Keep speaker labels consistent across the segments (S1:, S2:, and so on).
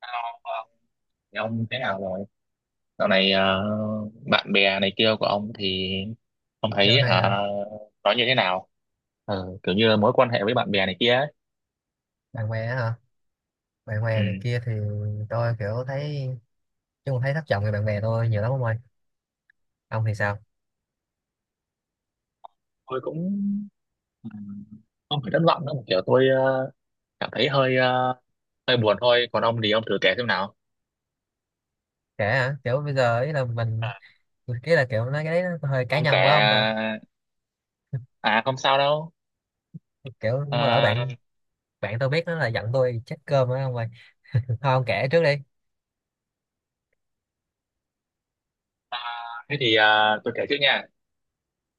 S1: Hello, Ờ, Thì ông thế nào rồi? Dạo này bạn bè này kia của ông thì ông
S2: Dạo
S1: thấy
S2: này
S1: hả
S2: hả?
S1: nói như thế nào? Kiểu như là mối quan hệ với bạn bè này kia ấy.
S2: Bạn bè á hả? Bạn
S1: Ừ.
S2: bè này kia thì tôi kiểu thấy thất vọng về bạn bè tôi nhiều lắm ông ơi. Ông thì sao?
S1: Tôi cũng ừ, không phải thất vọng đâu, kiểu tôi cảm thấy hơi hơi buồn thôi. Còn ông thì ông thử kể xem nào.
S2: Kể hả? Kiểu bây giờ ý là mình
S1: À,
S2: cái là kiểu nói cái đấy nó hơi cá
S1: ông kể,
S2: nhân quá ông ta.
S1: à không sao đâu.
S2: Kiểu bữa lỡ
S1: Ờ,
S2: bạn bạn tôi biết nó là giận tôi chết cơm á ông ơi. Thôi ông kể trước đi.
S1: À, thế thì tôi kể trước nha.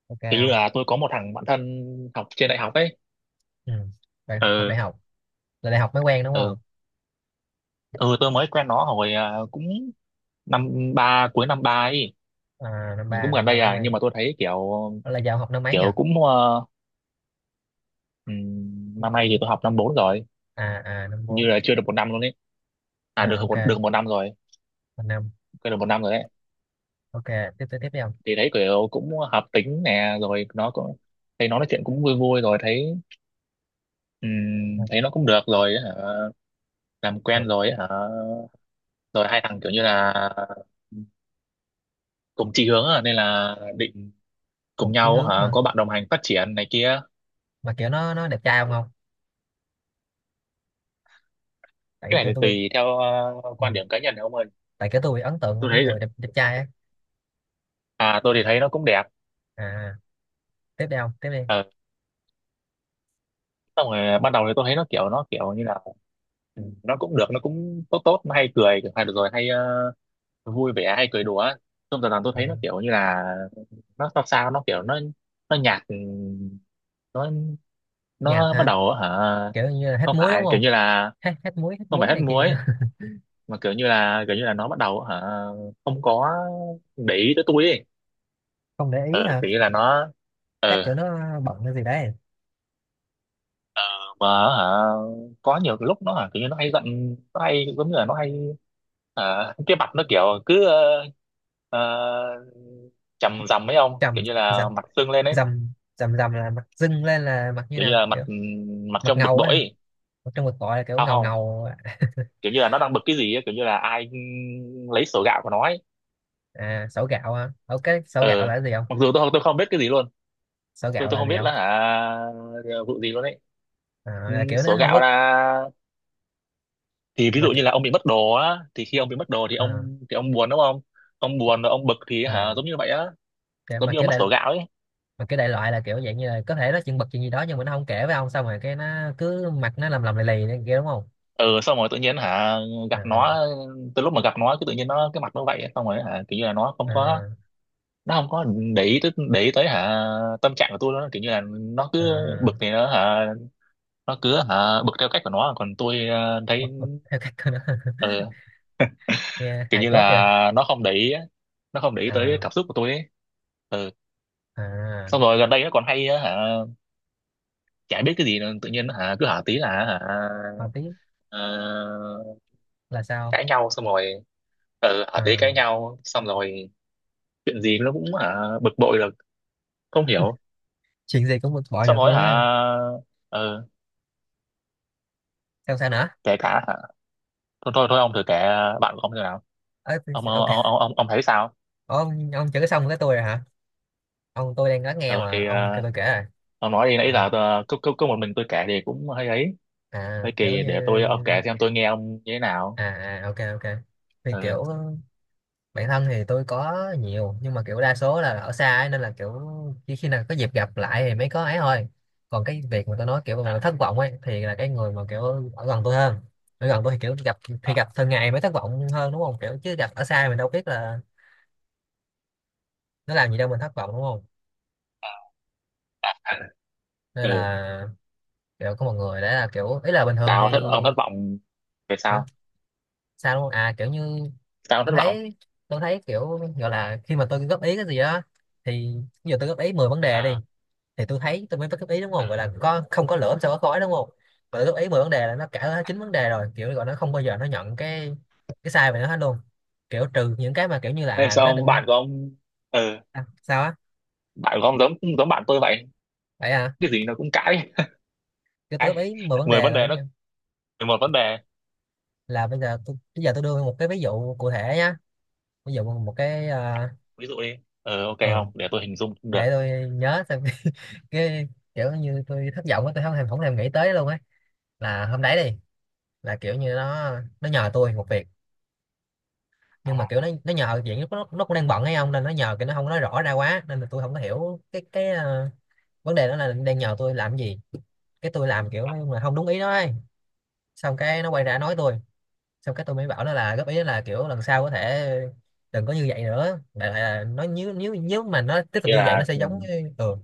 S2: Ok
S1: Kiểu như
S2: không?
S1: là tôi có một thằng bạn thân học trên đại học ấy.
S2: Ừ. Bạn học đại học. Là đại học mới quen đúng
S1: Ừ.
S2: không?
S1: ừ tôi mới quen nó hồi à, cũng năm ba cuối năm ba ấy.
S2: À,
S1: Ừ, cũng gần
S2: năm ba
S1: đây
S2: mới
S1: à,
S2: quen.
S1: nhưng mà tôi thấy kiểu
S2: Đó là giờ ông học năm mấy nhỉ?
S1: kiểu cũng năm nay thì tôi học năm bốn rồi,
S2: Năm
S1: như
S2: bốn.
S1: là chưa được một năm luôn ấy, à được
S2: À, ok,
S1: một năm rồi,
S2: năm.
S1: quên được một năm rồi đấy.
S2: Ok, tiếp tiếp tiếp đi ông.
S1: Thì thấy kiểu cũng hợp tính nè, rồi nó cũng thấy, nó nói chuyện cũng vui vui, rồi thấy
S2: À,
S1: thấy nó cũng được rồi ấy hả, làm quen
S2: Phục
S1: rồi ấy hả, rồi hai thằng kiểu như là cùng chí hướng, à nên là định cùng
S2: Phục chí
S1: nhau
S2: hướng
S1: hả,
S2: hả?
S1: có bạn đồng hành phát triển này kia.
S2: Mà kiểu nó đẹp trai không không?
S1: Cái
S2: tại tôi
S1: này thì
S2: tôi bị
S1: tùy theo
S2: ừ,
S1: quan điểm cá nhân của ông ơi.
S2: tại cái tôi bị ấn tượng với
S1: Tôi
S2: mấy
S1: thấy,
S2: người đẹp trai á.
S1: à tôi thì thấy nó cũng đẹp.
S2: À tiếp đi ông, tiếp đi.
S1: Ờ, Xong rồi ban đầu thì tôi thấy nó kiểu như là nó cũng được, nó cũng tốt tốt, nó hay cười hay được rồi hay vui vẻ hay cười đùa. Xong dần dần tôi
S2: Ờ,
S1: thấy nó kiểu như là nó sao sao, nó kiểu nó nhạt, nó
S2: nhạt
S1: nó bắt
S2: hả?
S1: đầu hả
S2: Kiểu như là hết
S1: không
S2: muối đúng
S1: phải kiểu
S2: không?
S1: như là,
S2: Hết hết muối hết
S1: không
S2: muối
S1: phải hết
S2: này kia đó.
S1: muối, mà kiểu như là nó bắt đầu hả không có để ý tới tôi ấy.
S2: Không để ý
S1: Ờ
S2: hả?
S1: Kiểu như là nó,
S2: Chắc kiểu
S1: ờ
S2: nó bận cái gì đấy.
S1: mà hả có nhiều cái lúc nó hả kiểu như nó hay giận, nó hay giống như là nó hay hả, cái mặt nó kiểu cứ ờ, chằm rằm ấy ông,
S2: trầm
S1: kiểu như
S2: dầm
S1: là mặt sưng lên ấy.
S2: dầm dầm dầm là mặt dưng lên là mặt như
S1: Kiểu như
S2: nào
S1: là mặt
S2: kiểu?
S1: mặt
S2: Mặt
S1: trong bực
S2: ngầu á
S1: bội
S2: hả?
S1: ấy.
S2: Ở trong cuộc gọi là kiểu
S1: Sao
S2: ngầu
S1: không,
S2: ngầu.
S1: kiểu như là nó đang bực cái gì ấy, kiểu như là ai lấy sổ gạo của nó ấy.
S2: Sổ gạo hả? Cái sổ
S1: ờ
S2: gạo là cái gì không?
S1: Mặc dù tôi không biết cái gì luôn.
S2: Sổ
S1: tôi
S2: gạo
S1: tôi
S2: là
S1: không
S2: gì
S1: biết
S2: không?
S1: là hả vụ gì luôn ấy.
S2: à,
S1: Ừ,
S2: là kiểu nó
S1: sổ
S2: không
S1: gạo
S2: có.
S1: là, thì ví
S2: Mà
S1: dụ như
S2: kiểu
S1: là ông bị mất đồ á, thì khi ông bị mất đồ
S2: à,
S1: thì ông buồn đúng không, ông buồn rồi ông bực thì hả
S2: à,
S1: giống như vậy á,
S2: kiểu-
S1: giống
S2: mà
S1: như ông
S2: kiểu
S1: mắc
S2: đại
S1: sổ gạo ấy.
S2: mà cái đại loại là kiểu dạng như là có thể nó chuyện bật chuyện gì đó nhưng mà nó không kể với ông xong rồi cái nó cứ mặt nó lầm lầm lì lì này kia đúng không?
S1: Ừ Xong rồi tự nhiên hả gặp
S2: à,
S1: nó, từ lúc mà gặp nó cứ tự nhiên nó, cái mặt nó vậy ấy. Xong rồi hả kiểu như là nó không có,
S2: à,
S1: nó không có để ý tới hả tâm trạng của tôi nữa, kiểu như là nó cứ
S2: à,
S1: bực thì nó hả, nó cứ hả bực theo cách của nó, còn tôi
S2: bật
S1: thấy
S2: bật theo cách của nó.
S1: ừ,
S2: Nghe
S1: kiểu
S2: hài
S1: như
S2: cốt kìa.
S1: là nó không để ý á, nó không để ý tới
S2: à,
S1: cảm xúc của tôi ấy. ừ
S2: à,
S1: Xong rồi gần đây nó còn hay á, hả chả biết cái gì nữa, tự nhiên hả cứ hả tí là hả
S2: mà tiếp
S1: ờ,
S2: là sao?
S1: cãi nhau, xong rồi hả tí cãi
S2: à,
S1: nhau, xong rồi chuyện gì nó cũng hả bực bội là không hiểu.
S2: chuyện gì cũng bực bội
S1: Xong
S2: được
S1: rồi
S2: luôn
S1: hả
S2: á?
S1: ờ,
S2: Sao sao nữa?
S1: kể cả hả thôi thôi thôi ông thử kể bạn của ông như nào,
S2: Ờ,
S1: ông
S2: ok
S1: ông ông ông, ông thấy sao?
S2: Ông chữ xong cái tôi rồi hả? Ông, tôi đang lắng nghe
S1: ờ
S2: mà
S1: thì
S2: ông
S1: ờ,
S2: kêu tôi kể rồi.
S1: ông nói đi, nãy giờ
S2: Ờ,
S1: tôi- cứ cứ cứ một mình tôi kể thì cũng hơi ấy,
S2: à
S1: hơi
S2: kiểu
S1: kỳ,
S2: như
S1: để tôi, ông kể xem tôi nghe ông như thế nào.
S2: ok ok thì
S1: Ừ,
S2: kiểu bạn thân thì tôi có nhiều nhưng mà kiểu đa số là ở xa ấy, nên là kiểu chỉ khi nào có dịp gặp lại thì mới có ấy thôi. Còn cái việc mà tôi nói kiểu mà thất vọng ấy thì là cái người mà kiểu ở gần tôi hơn. Ở gần tôi thì kiểu gặp thì gặp thường ngày mới thất vọng hơn đúng không? Kiểu chứ gặp ở xa mình đâu biết là nó làm gì đâu, mình thất vọng đúng không? Nên
S1: ừ,
S2: là kiểu có một người đấy là kiểu ý là bình thường thì
S1: sao thất ông thất vọng về,
S2: hả,
S1: sao,
S2: sao đúng không? Kiểu như
S1: sao ông thất
S2: tôi
S1: vọng?
S2: thấy, tôi thấy kiểu gọi là khi mà tôi góp ý cái gì đó thì bây giờ tôi góp ý 10 vấn đề
S1: À,
S2: đi, thì tôi thấy tôi mới góp ý đúng không, gọi là có không có lửa sao có khói đúng không? Mà tôi góp ý 10 vấn đề là nó cả chín vấn đề rồi kiểu gọi nó không bao giờ nó nhận cái sai về nó hết luôn. Kiểu trừ những cái mà kiểu như là
S1: thế sao
S2: nó
S1: ông
S2: định.
S1: bạn của ông, ừ
S2: Sao á?
S1: bạn của ông giống giống bạn tôi vậy,
S2: Vậy à?
S1: cái gì nó cũng cãi,
S2: Kiểu tôi góp
S1: cãi
S2: ý 10 vấn
S1: mười
S2: đề
S1: vấn đề nó, 11 vấn đề.
S2: là bây giờ tôi đưa một cái ví dụ cụ thể nhá. Ví dụ một cái
S1: Ví dụ đi, ok
S2: ừ,
S1: không, để tôi hình dung cũng được.
S2: để tôi nhớ xem. Cái kiểu như tôi thất vọng á, tôi không thèm nghĩ tới luôn ấy. Là hôm đấy đi, là kiểu như nó nhờ tôi một việc. Nhưng mà kiểu nó nhờ chuyện nó cũng đang bận hay không nên nó nhờ cái nó không nói rõ ra quá nên là tôi không có hiểu cái vấn đề đó là đang nhờ tôi làm cái gì. Cái tôi làm kiểu nó là không đúng ý nó ấy. Xong cái nó quay ra nói tôi. Xong cái tôi mới bảo nó là góp ý là kiểu lần sau có thể đừng có như vậy nữa, đại loại là nó, nếu nếu nếu mà nó tiếp tục
S1: Nghĩa
S2: như vậy nó
S1: là
S2: sẽ
S1: ừ,
S2: giống như ừ.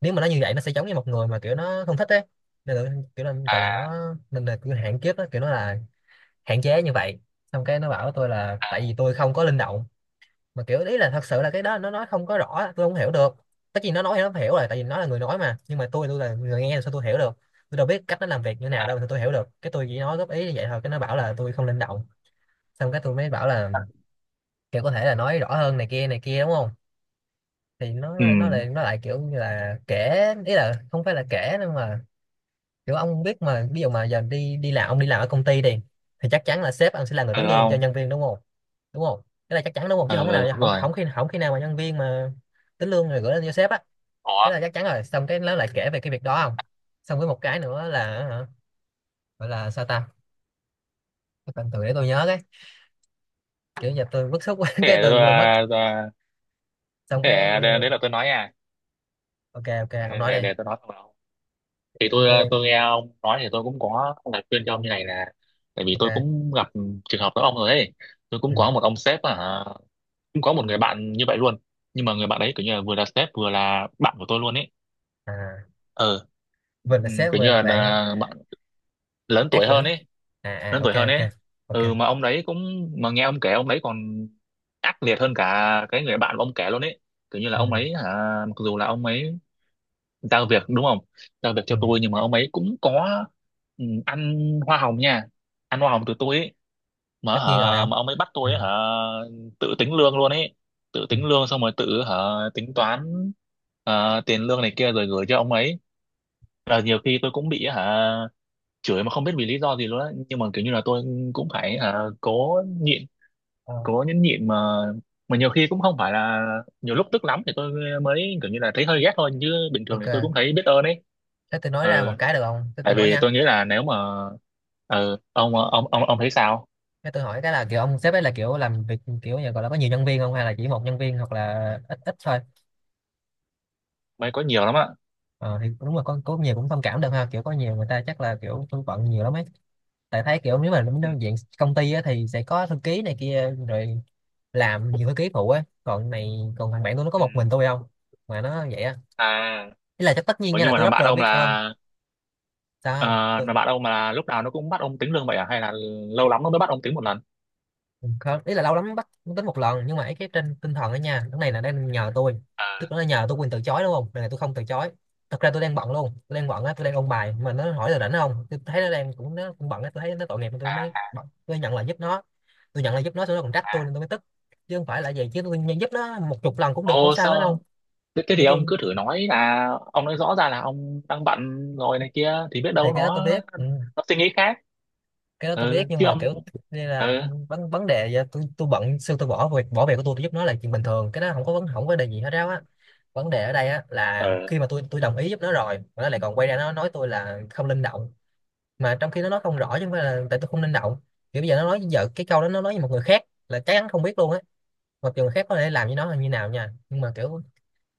S2: Nếu mà nó như vậy nó sẽ giống như một người mà kiểu nó không thích ấy nên là, kiểu là gọi là
S1: à
S2: nó, nên là kiểu hạn kiếp đó kiểu nó là hạn chế như vậy. Xong cái nó bảo tôi là
S1: à,
S2: tại vì tôi không có linh động, mà kiểu ý là thật sự là cái đó nó nói không có rõ tôi không hiểu được. Tất nhiên nó nói thì nó phải hiểu rồi tại vì nó là người nói mà, nhưng mà tôi là người nghe thì sao tôi hiểu được? Tôi đâu biết cách nó làm việc như nào đâu thì tôi hiểu được? Cái tôi chỉ nói góp ý như vậy thôi cái nó bảo là tôi không linh động. Xong cái tôi mới bảo là kiểu có thể là nói rõ hơn này kia đúng không? Thì nó
S1: ừ
S2: nó lại kiểu như là kể, ý là không phải là kể nhưng mà kiểu ông biết mà, ví dụ mà giờ đi đi làm, ông đi làm ở công ty đi thì chắc chắn là sếp ông sẽ là người
S1: ừ
S2: tính lương cho
S1: không,
S2: nhân viên đúng không? Đúng không? Cái là chắc chắn đúng không, chứ không có nào
S1: ừ đúng
S2: không
S1: rồi.
S2: không khi nào mà nhân viên mà tính lương rồi gửi lên cho sếp á?
S1: Ủa,
S2: Cái là chắc chắn rồi xong cái nó lại kể về cái việc đó không? Xong với một cái nữa là hả, gọi là sao ta? Cái tên từ để tôi nhớ cái kiểu giờ tôi bức xúc quá
S1: thế
S2: cái
S1: để
S2: tôi
S1: tôi
S2: quên mất.
S1: à,
S2: Xong
S1: thế để,
S2: cái
S1: đấy là tôi nói nha,
S2: ok ok ông nói
S1: để,
S2: đi.
S1: tôi nói thằng nào, thì tôi
S2: Tôi đi
S1: à, tôi nghe ông nói thì tôi cũng có lời khuyên cho ông như này là tại vì tôi
S2: ok.
S1: cũng gặp trường hợp giống ông rồi ấy. Tôi
S2: Ừ.
S1: cũng có một ông sếp, à cũng có một người bạn như vậy luôn, nhưng mà người bạn ấy kiểu như là vừa là sếp vừa là bạn của tôi luôn ấy.
S2: à
S1: ờ
S2: Vinh là sếp
S1: Kiểu như
S2: Vinh là
S1: là,
S2: bạn.
S1: à bạn lớn
S2: Ác
S1: tuổi
S2: quỷ.
S1: hơn ấy,
S2: À à,
S1: lớn
S2: ok
S1: tuổi hơn
S2: ok.
S1: ấy.
S2: Ok.
S1: Ừ mà ông đấy cũng, mà nghe ông kể ông đấy còn ác liệt hơn cả cái người bạn của ông kể luôn ấy. Kiểu như là
S2: Ừ.
S1: ông ấy hả, mặc dù là ông ấy giao việc đúng không, giao việc
S2: Ừ.
S1: cho tôi nhưng mà ông ấy cũng có ăn hoa hồng nha, ăn hoa hồng từ tôi ấy, mà
S2: Tất
S1: hả
S2: nhiên rồi, không?
S1: mà ông ấy bắt
S2: Ừ.
S1: tôi ấy, hả tự tính lương luôn ấy, tự
S2: Ừ.
S1: tính lương xong rồi tự hả tính toán tiền lương này kia rồi gửi cho ông ấy. Là nhiều khi tôi cũng bị hả chửi mà không biết vì lý do gì luôn á, nhưng mà kiểu như là tôi cũng phải à, cố nhịn,
S2: Ờ,
S1: cố nhẫn nhịn mà nhiều khi cũng không phải là, nhiều lúc tức lắm thì tôi mới kiểu như là thấy hơi ghét thôi, chứ bình thường thì
S2: ok.
S1: tôi cũng thấy biết ơn ấy.
S2: Thế tôi nói ra một
S1: Ừ,
S2: cái được không? Thế tôi
S1: tại
S2: nói
S1: vì
S2: nha.
S1: tôi nghĩ là nếu mà ừ, ông thấy sao?
S2: Thế tôi hỏi cái là kiểu ông sếp ấy là kiểu làm việc kiểu như gọi là có nhiều nhân viên không, hay là chỉ một nhân viên hoặc là ít ít thôi?
S1: Mới có nhiều lắm ạ.
S2: Ờ, thì đúng là có nhiều cũng thông cảm được ha, kiểu có nhiều người ta chắc là kiểu tôi bận nhiều lắm ấy. Tại thấy kiểu nếu mà
S1: Ừ.
S2: đến diện công ty á, thì sẽ có thư ký này kia rồi, làm nhiều thư ký phụ ấy, còn này còn thằng bạn tôi nó có
S1: Ừ.
S2: một mình tôi không mà nó vậy á.
S1: À,
S2: Ý là chắc tất nhiên
S1: ủa
S2: nha là
S1: nhưng mà
S2: tôi
S1: thằng
S2: rất
S1: bạn
S2: là
S1: ông
S2: biết ơn.
S1: là ờ,
S2: Sao không?
S1: thằng bạn ông mà lúc nào nó cũng bắt ông tính lương vậy à, hay là lâu lắm nó mới bắt ông tính một lần?
S2: Ừ, không ý là lâu lắm mới bắt mới tính một lần, nhưng mà ấy cái trên tinh thần đó nha, cái này là đang nhờ tôi, tức
S1: À,
S2: nó nhờ tôi quyền từ chối đúng không, lần này là tôi không từ chối. Thật ra tôi đang bận luôn, tôi đang bận á, tôi đang ôn bài mà nó hỏi là rảnh không, tôi thấy nó đang cũng nó cũng bận á, tôi thấy nó tội nghiệp tôi mới bận. Tôi nhận lời giúp nó. Tôi nhận lời giúp nó xong nó còn trách tôi nên tôi mới tức. Chứ không phải là vậy, chứ tôi nhận giúp nó một chục lần cũng được không
S1: ô
S2: sao hết đâu.
S1: sao, thế
S2: Chứ
S1: thì ông
S2: tôi
S1: cứ thử nói là ông nói rõ ra là ông đang bận rồi này kia thì biết
S2: thì
S1: đâu
S2: cái đó
S1: nó
S2: tôi biết. Ừ.
S1: nó suy nghĩ khác,
S2: Cái đó tôi
S1: ừ
S2: biết nhưng
S1: chứ
S2: mà kiểu
S1: ông
S2: đây là
S1: ừ,
S2: vấn vấn đề, vậy tôi bận xưa tôi bỏ việc của tôi giúp nó là chuyện bình thường, cái đó không có vấn không có đề gì hết ráo á. Vấn đề ở đây á là
S1: ừ.
S2: khi mà tôi đồng ý giúp nó rồi mà nó lại còn quay ra nó nói tôi là không linh động. Mà trong khi nó nói không rõ chứ không phải là tại tôi không linh động. Kiểu bây giờ nó nói giờ cái câu đó nó nói với một người khác là chắc chắn không biết luôn á. Mặc dù người khác có thể làm với nó là như nào nha, nhưng mà kiểu,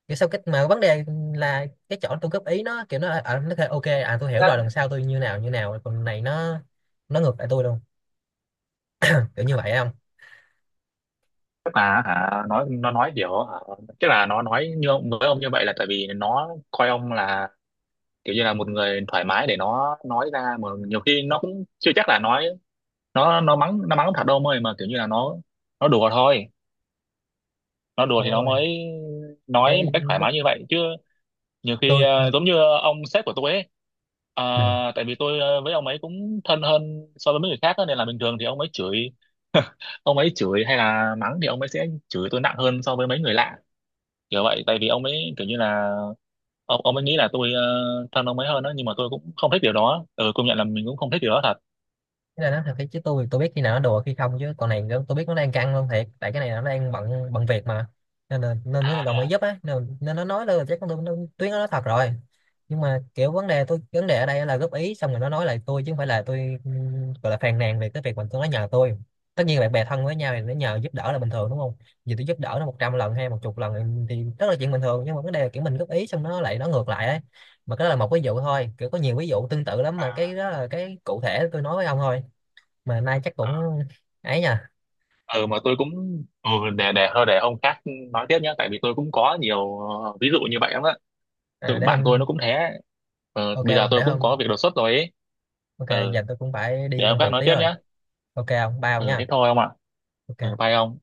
S2: kiểu sao cái mà vấn đề là cái chỗ tôi góp ý, nó kiểu nó nó kêu ok, à tôi hiểu rồi lần sau tôi như nào như nào, còn này nó ngược lại tôi luôn, kiểu như vậy không?
S1: Tức là hả, nói nó nói kiểu hả, tức là nó nói như ông với ông như vậy là tại vì nó coi ông là kiểu như là một người thoải mái để nó nói ra, mà nhiều khi nó cũng chưa chắc là nói, nó mắng, nó mắng thật đâu mời, mà kiểu như là nó đùa thôi, nó đùa
S2: Không
S1: thì
S2: ông
S1: nó
S2: ơi.
S1: mới nói một
S2: Cái
S1: cách thoải
S2: lúc
S1: mái như vậy chứ. Nhiều khi
S2: tôi
S1: giống như ông sếp của tôi ấy,
S2: ừ.
S1: à tại vì tôi với ông ấy cũng thân hơn so với mấy người khác á, nên là bình thường thì ông ấy chửi ông ấy chửi hay là mắng thì ông ấy sẽ chửi tôi nặng hơn so với mấy người lạ, kiểu vậy, tại vì ông ấy kiểu như là ông ấy nghĩ là tôi thân ông ấy hơn đó, nhưng mà tôi cũng không thích điều đó. Ừ, công nhận là mình cũng không thích điều đó thật.
S2: Cái này nó thật cái chứ tôi thì tôi biết khi nào nó đùa khi không, chứ còn này nó- tôi biết nó đang căng luôn thiệt tại cái này nó đang bận bận việc mà. Nên là nên mới đồng ý giúp á, nên, nên nó nói là chắc tôi- nó- tuyến nó nói thật rồi. Nhưng mà kiểu vấn đề tôi vấn đề ở đây là góp ý xong rồi nó nói lại tôi chứ không phải là tôi gọi là phàn nàn về cái việc mà tôi nó nhờ tôi. Tất nhiên bạn bè thân với nhau thì nó nhờ giúp đỡ là bình thường đúng không? Vì tôi giúp đỡ nó 100 lần hay một chục lần thì rất là chuyện bình thường, nhưng mà vấn đề là kiểu mình góp ý xong nó lại nó ngược lại ấy. Mà cái đó là một ví dụ thôi, kiểu có nhiều ví dụ tương tự lắm mà cái đó là cái cụ thể tôi nói với ông thôi á. Mà nay chắc cũng ấy nha.
S1: Ừ, mà tôi cũng ừ, để thôi để ông khác nói tiếp nhé, tại vì tôi cũng có nhiều ví dụ như vậy lắm á, tôi
S2: Để
S1: bạn tôi nó
S2: hôm.
S1: cũng thế.
S2: Ok,
S1: Bây giờ
S2: không
S1: tôi
S2: để
S1: cũng có
S2: hôm.
S1: việc đột xuất rồi ấy,
S2: Ok,
S1: ờ
S2: giờ tôi cũng phải
S1: để
S2: đi
S1: hôm
S2: công
S1: khác
S2: việc
S1: nói
S2: tí
S1: tiếp
S2: rồi.
S1: nhá.
S2: Ok không bao
S1: Ừ
S2: nha.
S1: thế thôi ông ạ. Ừ,
S2: Ok.
S1: bye ông.